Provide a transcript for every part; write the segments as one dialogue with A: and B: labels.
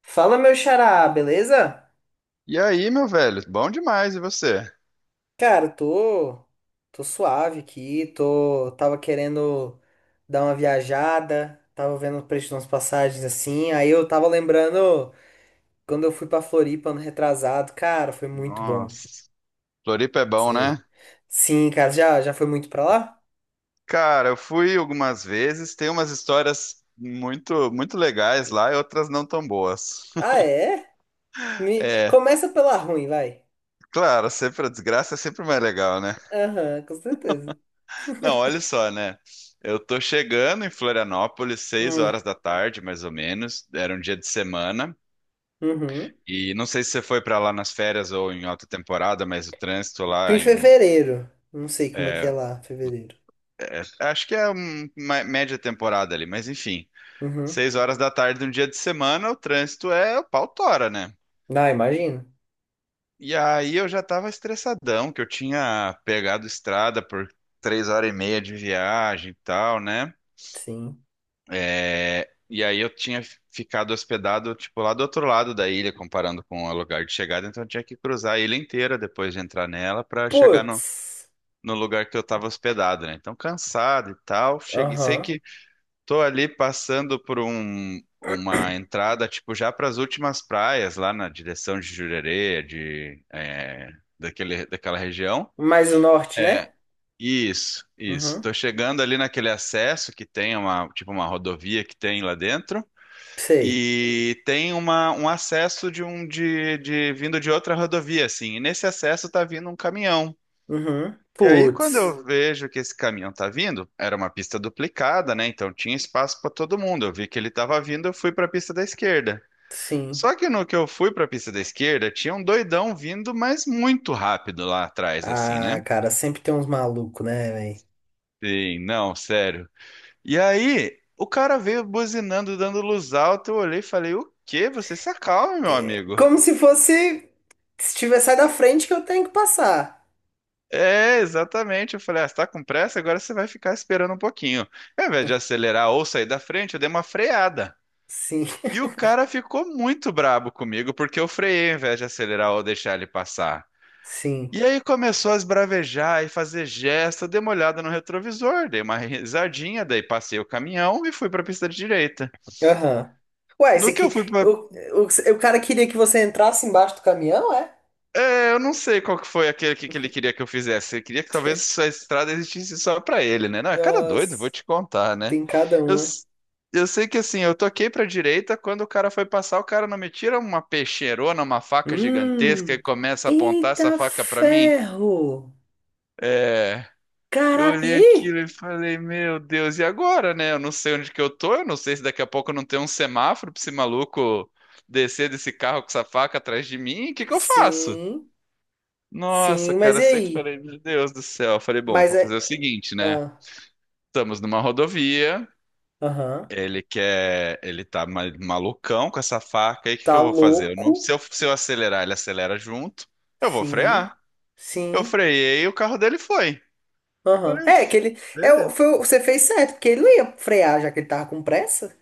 A: Fala, meu xará, beleza?
B: E aí, meu velho? Bom demais, e você?
A: Cara, tô suave aqui, tô, tava querendo dar uma viajada, tava vendo o preço de umas passagens assim, aí eu tava lembrando quando eu fui pra Floripa ano retrasado, cara, foi muito bom.
B: Nossa, Floripa é bom,
A: Sei.
B: né?
A: Sim, cara, já foi muito pra lá?
B: Cara, eu fui algumas vezes, tem umas histórias muito, muito legais lá e outras não tão boas.
A: Ah, é?
B: É,
A: Começa pela ruim, vai.
B: claro, sempre a desgraça é sempre mais legal, né?
A: Aham, com certeza.
B: Não, olha só, né? Eu tô chegando em Florianópolis seis
A: Hum,
B: horas da tarde, mais ou menos. Era um dia de semana.
A: uhum.
B: E não sei se você foi pra lá nas férias ou em alta temporada, mas o trânsito
A: Fui em
B: lá em
A: fevereiro, não sei como é que é
B: é,
A: lá, fevereiro.
B: acho que é uma média temporada ali, mas enfim.
A: Uhum.
B: Seis horas da tarde, num dia de semana, o trânsito é o pau tora, né?
A: Ah, imagino.
B: E aí eu já tava estressadão, que eu tinha pegado estrada por 3 horas e meia de viagem e tal, né?
A: Sim.
B: É, e aí eu tinha ficado hospedado, tipo, lá do outro lado da ilha, comparando com o lugar de chegada, então eu tinha que cruzar a ilha inteira depois de entrar nela pra chegar no,
A: Putz.
B: no lugar que eu tava hospedado, né? Então cansado e tal, cheguei, sei
A: Aham.
B: que tô ali passando por uma entrada, tipo, já para as últimas praias, lá na direção de Jurerê, de, é, daquela região.
A: Mais o norte,
B: É,
A: né?
B: isso, isso.
A: Uhum.
B: Tô chegando ali naquele acesso que tem uma, tipo, uma rodovia que tem lá dentro.
A: Sei.
B: E tem um acesso de um de vindo de outra rodovia, assim. E nesse acesso tá vindo um caminhão.
A: Uhum.
B: E aí, quando
A: Putz.
B: eu vejo que esse caminhão tá vindo, era uma pista duplicada, né? Então tinha espaço para todo mundo. Eu vi que ele tava vindo, eu fui para a pista da esquerda.
A: Sim.
B: Só que no que eu fui para a pista da esquerda, tinha um doidão vindo, mas muito rápido lá atrás, assim,
A: Ah,
B: né?
A: cara, sempre tem uns malucos, né, velho?
B: Sim, não, sério. E aí, o cara veio buzinando, dando luz alta. Eu olhei e falei: "O quê? Você se acalma, meu amigo."
A: Como se fosse. Se tiver sai da frente que eu tenho que passar.
B: É, exatamente. Eu falei, ah, você tá com pressa? Agora você vai ficar esperando um pouquinho. Ao invés de acelerar ou sair da frente, eu dei uma freada.
A: Sim,
B: E o cara ficou muito brabo comigo porque eu freiei ao invés de acelerar ou deixar ele passar.
A: sim.
B: E aí começou a esbravejar e fazer gesto, eu dei uma olhada no retrovisor, dei uma risadinha, daí passei o caminhão e fui para a pista de direita.
A: Aham. Ué, esse
B: No que eu
A: aqui.
B: fui
A: O, o, o cara queria que você entrasse embaixo do caminhão, é?
B: é, eu não sei qual que foi aquele que ele queria que eu fizesse. Ele queria que talvez essa estrada existisse só pra ele, né? Não, é cada doido, vou
A: Nossa,
B: te contar, né?
A: tem cada
B: Eu,
A: uma.
B: s- eu sei que assim, eu toquei pra direita, quando o cara foi passar, o cara não me tira uma peixeirona, uma faca gigantesca e
A: Hum.
B: começa a apontar essa
A: Eita
B: faca pra mim.
A: ferro!
B: É, eu
A: Caraca, e
B: olhei
A: aí?
B: aquilo e falei, meu Deus, e agora, né? Eu não sei onde que eu tô, eu não sei se daqui a pouco não tem um semáforo pra esse maluco descer desse carro com essa faca atrás de mim, o que que eu faço?
A: Sim,
B: Nossa,
A: sim, mas
B: cara,
A: e
B: eu sei que eu
A: aí?
B: falei, meu Deus do céu. Eu falei, bom,
A: Mas
B: vou
A: é.
B: fazer o seguinte, né?
A: ah,
B: Estamos numa rodovia,
A: Aham.
B: ele quer, ele tá malucão com essa faca, aí o que que
A: Tá
B: eu vou fazer? Eu não- Se
A: louco?
B: eu, se eu acelerar, ele acelera junto, eu vou
A: Sim,
B: frear. Eu
A: sim.
B: freiei e o carro dele foi.
A: Aham.
B: Falei:
A: É, que
B: "Uf,
A: ele. É,
B: beleza."
A: você fez certo, porque ele não ia frear, já que ele tava com pressa,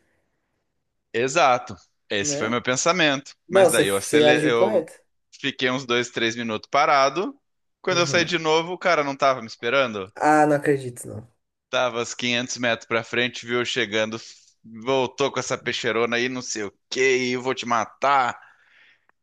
B: Exato. Esse foi
A: né?
B: meu pensamento. Mas
A: Não, você,
B: daí
A: você agiu
B: eu
A: correto.
B: fiquei uns dois, três minutos parado. Quando eu saí
A: Uhum.
B: de novo, o cara não tava me esperando.
A: Ah, não acredito, não.
B: Tava uns 500 metros pra frente, viu eu chegando, voltou com essa peixeirona aí, não sei o que, eu vou te matar.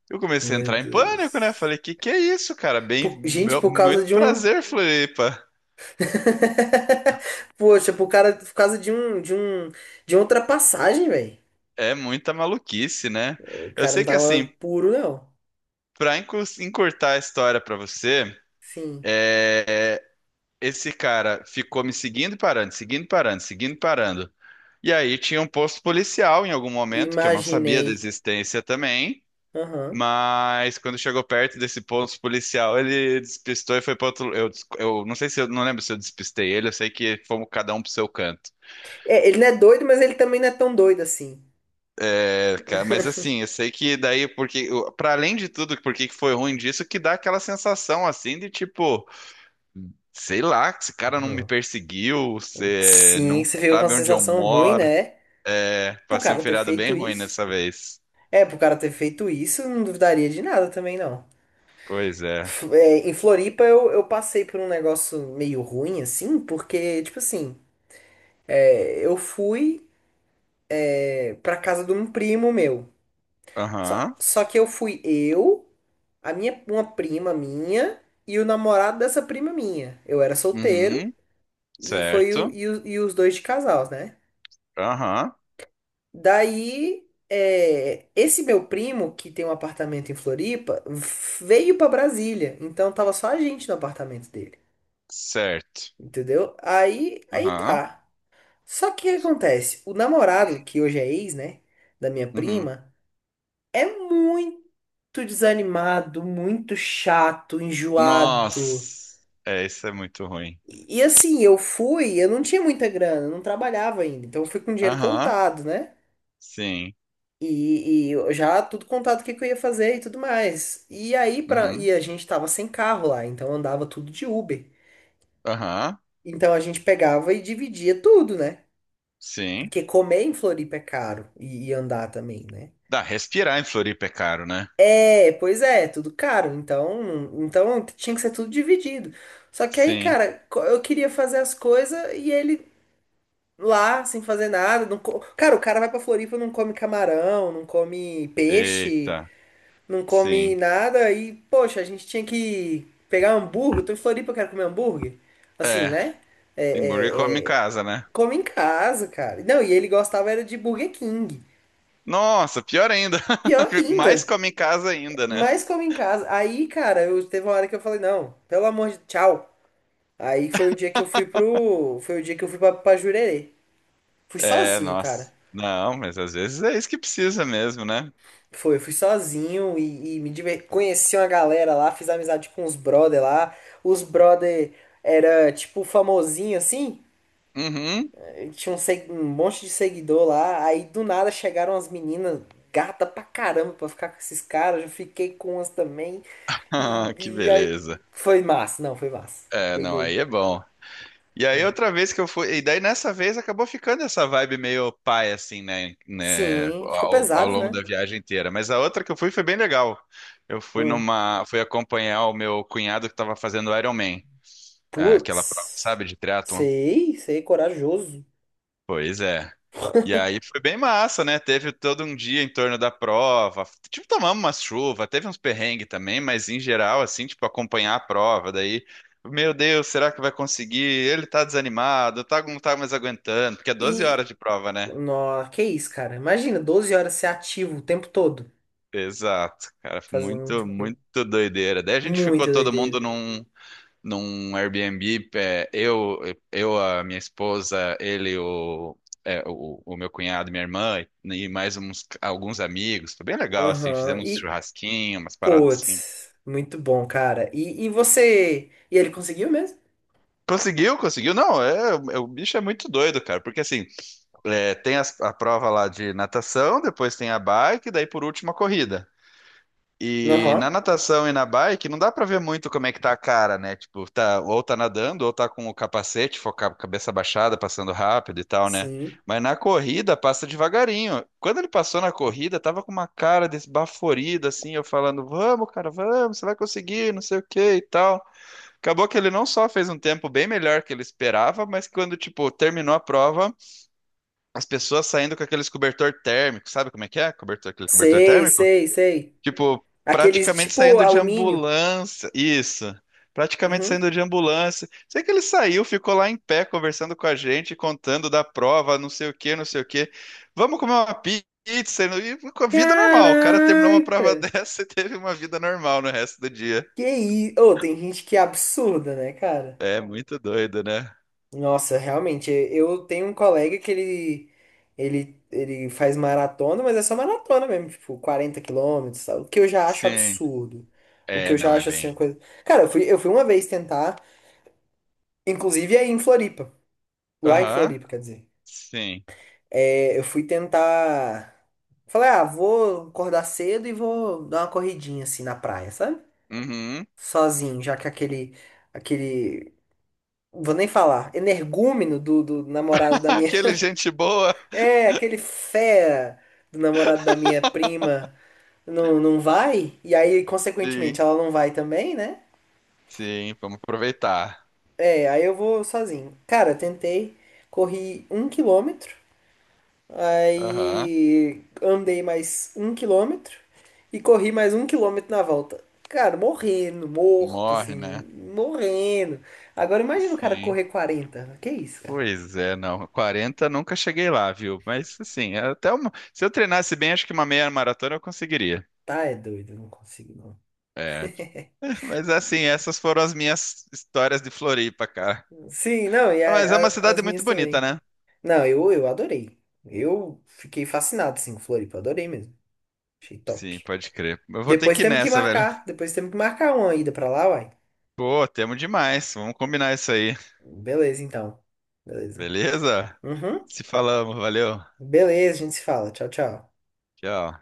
B: Eu comecei a
A: Meu
B: entrar em pânico, né?
A: Deus.
B: Falei, que é isso, cara? Bem,
A: Gente, por causa
B: muito
A: de um.
B: prazer, Floripa.
A: Poxa, por cara, por causa de um, de uma ultrapassagem, velho.
B: É muita maluquice, né?
A: O
B: Eu
A: cara não
B: sei que assim,
A: tava puro, não.
B: pra encurtar a história pra você,
A: Sim.
B: é, é, esse cara ficou me seguindo e parando, seguindo e parando, seguindo e parando. E aí tinha um posto policial em algum momento, que eu não sabia da
A: Imaginei.
B: existência também.
A: Aham.
B: Mas quando chegou perto desse posto policial, ele despistou e foi para outro. Eu não sei se eu não lembro se eu despistei ele, eu sei que fomos cada um pro seu canto.
A: É, ele não é doido, mas ele também não é tão doido assim.
B: É, cara, mas assim, eu sei que daí, porque, para além de tudo, porque que foi ruim disso, que dá aquela sensação assim de tipo, sei lá, esse cara não me
A: Aham.
B: perseguiu, você
A: Sim,
B: não
A: você fica com uma
B: sabe onde eu
A: sensação ruim,
B: moro.
A: né?
B: É,
A: Pro
B: passei um
A: cara ter
B: feriado bem
A: feito
B: ruim
A: isso.
B: nessa vez.
A: É, pro cara ter feito isso, eu não duvidaria de nada também, não.
B: Pois é.
A: É, em Floripa eu passei por um negócio meio ruim, assim, porque, tipo assim, eu fui pra casa de um primo meu. Só,
B: Aham.
A: só que eu fui eu, uma prima minha e o namorado dessa prima minha. Eu era solteiro.
B: Uhum.
A: E foi o,
B: Certo.
A: e, e os dois de casal, né?
B: Aham.
A: Daí, é, esse meu primo, que tem um apartamento em Floripa, veio pra Brasília. Então tava só a gente no apartamento dele.
B: Certo.
A: Entendeu? Aí, aí
B: Aham.
A: tá. Só que o que acontece? O namorado, que hoje é ex, né? Da minha
B: Uhum.
A: prima, é muito desanimado, muito chato, enjoado.
B: Nossa, é, isso é muito ruim.
A: E assim, eu fui, eu não tinha muita grana, eu não trabalhava ainda. Então eu fui com dinheiro
B: Aham,
A: contado, né?
B: sim.
A: E eu já tudo contado o que, que eu ia fazer e tudo mais. E aí,
B: Uhum.
A: e a gente tava sem carro lá, então andava tudo de Uber.
B: Aham,
A: Então a gente pegava e dividia tudo, né?
B: sim.
A: Porque comer em Floripa é caro e andar também, né?
B: Dá, respirar em Floripa é caro, né?
A: É, pois é, tudo caro. Então, então tinha que ser tudo dividido. Só que aí,
B: Sim.
A: cara, eu queria fazer as coisas e ele lá, sem fazer nada. Não co- Cara, o cara vai pra Floripa, não come camarão, não come peixe.
B: Eita,
A: Não come
B: sim.
A: nada e, poxa, a gente tinha que pegar um hambúrguer. Eu tô em Floripa, eu quero comer hambúrguer. Assim,
B: É,
A: né? É,
B: hambúrguer come em
A: é, é,
B: casa, né?
A: Come em casa, cara. Não, e ele gostava era de Burger King.
B: Nossa, pior ainda.
A: Pior
B: Mais
A: ainda,
B: come em casa ainda, né?
A: mais come em casa. Aí, cara, eu teve uma hora que eu falei, não, pelo amor de tchau. Aí foi o dia que eu fui pro, foi o dia que eu fui pra, pra Jurerê. Fui
B: É,
A: sozinho, cara.
B: nossa. Não, mas às vezes é isso que precisa mesmo, né?
A: Foi, eu fui sozinho e conheci uma galera lá, fiz amizade com os brother lá. Os brother era tipo famosinho assim,
B: Uhum.
A: tinha um, um monte de seguidor lá. Aí do nada chegaram as meninas gata pra caramba pra ficar com esses caras. Eu fiquei com umas também e,
B: Ah, que
A: e aí...
B: beleza.
A: foi massa, não, foi massa.
B: É,
A: Foi
B: não,
A: doido.
B: aí é bom. E aí outra vez que eu fui, e daí nessa vez acabou ficando essa vibe meio pai assim, né,
A: Sim, fica
B: ao
A: pesado,
B: longo da
A: né?
B: viagem inteira. Mas a outra que eu fui foi bem legal. Eu fui
A: Hum.
B: numa, fui acompanhar o meu cunhado que estava fazendo Ironman, é, aquela prova,
A: Putz,
B: sabe, de triatlon.
A: sei, sei, corajoso.
B: Pois é. E aí foi bem massa, né? Teve todo um dia em torno da prova. Tipo, tomamos uma chuva, teve uns perrengues também, mas em geral, assim, tipo, acompanhar a prova. Daí, meu Deus, será que vai conseguir? Ele tá desanimado, tá, não tá mais aguentando, porque é 12 horas
A: E
B: de prova, né?
A: nossa, que isso, cara. Imagina, 12 horas ser ativo o tempo todo,
B: Exato, cara,
A: fazendo
B: muito,
A: muita coisa.
B: muito doideira. Daí a gente ficou
A: Muita
B: todo mundo
A: doideira.
B: num. Num Airbnb, é, eu, a minha esposa, ele, é, o meu cunhado, minha irmã e mais uns, alguns amigos. Foi bem legal, assim,
A: Aham.
B: fizemos um
A: E,
B: churrasquinho, umas paradas assim.
A: putz, muito bom, cara. E você. E ele conseguiu mesmo?
B: Conseguiu, conseguiu. Não, é, é, o bicho é muito doido, cara, porque assim, é, tem a prova lá de natação, depois tem a bike, daí por último a corrida. E na
A: Aham.
B: natação e na bike não dá pra ver muito como é que tá a cara, né? Tipo, tá ou tá nadando ou tá com o capacete, cabeça baixada, passando rápido e tal, né?
A: Sim.
B: Mas na corrida passa devagarinho. Quando ele passou na corrida, tava com uma cara desbaforida assim, eu falando: "Vamos, cara, vamos, você vai conseguir, não sei o que e tal." Acabou que ele não só fez um tempo bem melhor que ele esperava, mas quando, tipo, terminou a prova, as pessoas saindo com aqueles cobertor térmico, sabe como é que é? Cobertor, aquele cobertor
A: Sei,
B: térmico?
A: sei, sei.
B: Tipo,
A: Aqueles de,
B: praticamente
A: tipo
B: saindo de
A: alumínio.
B: ambulância. Isso. Praticamente
A: Uhum.
B: saindo de ambulância. Sei que ele saiu, ficou lá em pé conversando com a gente, contando da prova, não sei o quê, não sei o quê. Vamos comer uma pizza. E com a vida normal. O cara terminou uma
A: Caraca!
B: prova dessa e teve uma vida normal no resto do dia.
A: Que isso? Ô, tem gente que é absurda, né, cara?
B: É muito doido, né?
A: Nossa, realmente, eu tenho um colega que ele, ele faz maratona, mas é só maratona mesmo, tipo, 40 quilômetros, sabe? O que eu já acho
B: Sim.
A: absurdo. O que
B: É,
A: eu
B: não
A: já
B: é
A: acho assim, uma
B: bem.
A: coisa. Cara, eu fui uma vez tentar, inclusive aí em Floripa, lá em
B: Aham.
A: Floripa, quer dizer.
B: Sim.
A: É, eu fui tentar. Falei, ah, vou acordar cedo e vou dar uma corridinha assim na praia, sabe?
B: Uhum.
A: Sozinho, já que aquele, vou nem falar, energúmeno do namorado da minha.
B: Aquele gente boa.
A: É, aquele fera do namorado da minha prima não, não vai, e aí,
B: Sim.
A: consequentemente, ela não vai também, né?
B: Sim, vamos aproveitar.
A: É, aí eu vou sozinho. Cara, eu tentei, corri 1 quilômetro,
B: Aham.
A: aí andei mais 1 quilômetro e corri mais 1 quilômetro na volta. Cara, morrendo, morto,
B: Morre,
A: assim,
B: né?
A: morrendo. Agora imagina o cara
B: Sim.
A: correr 40. Que isso, cara?
B: Pois é, não. 40 nunca cheguei lá, viu? Mas assim, até uma... Se eu treinasse bem, acho que uma meia maratona eu conseguiria.
A: Tá, é doido, eu não consigo, não.
B: É. Mas assim, essas foram as minhas histórias de Floripa, cara.
A: Sim, não, e
B: Mas é uma cidade
A: as minhas
B: muito bonita,
A: também.
B: né?
A: Não, eu adorei. Eu fiquei fascinado, assim, com Floripa. Adorei mesmo. Achei
B: Sim,
A: top.
B: pode crer. Eu vou ter
A: Depois
B: que ir
A: temos que
B: nessa, velho.
A: marcar. Depois temos que marcar uma ida pra lá, uai.
B: Pô, temos demais. Vamos combinar isso aí.
A: Beleza, então. Beleza.
B: Beleza?
A: Uhum.
B: Se falamos, valeu.
A: Beleza, a gente se fala. Tchau, tchau.
B: Tchau.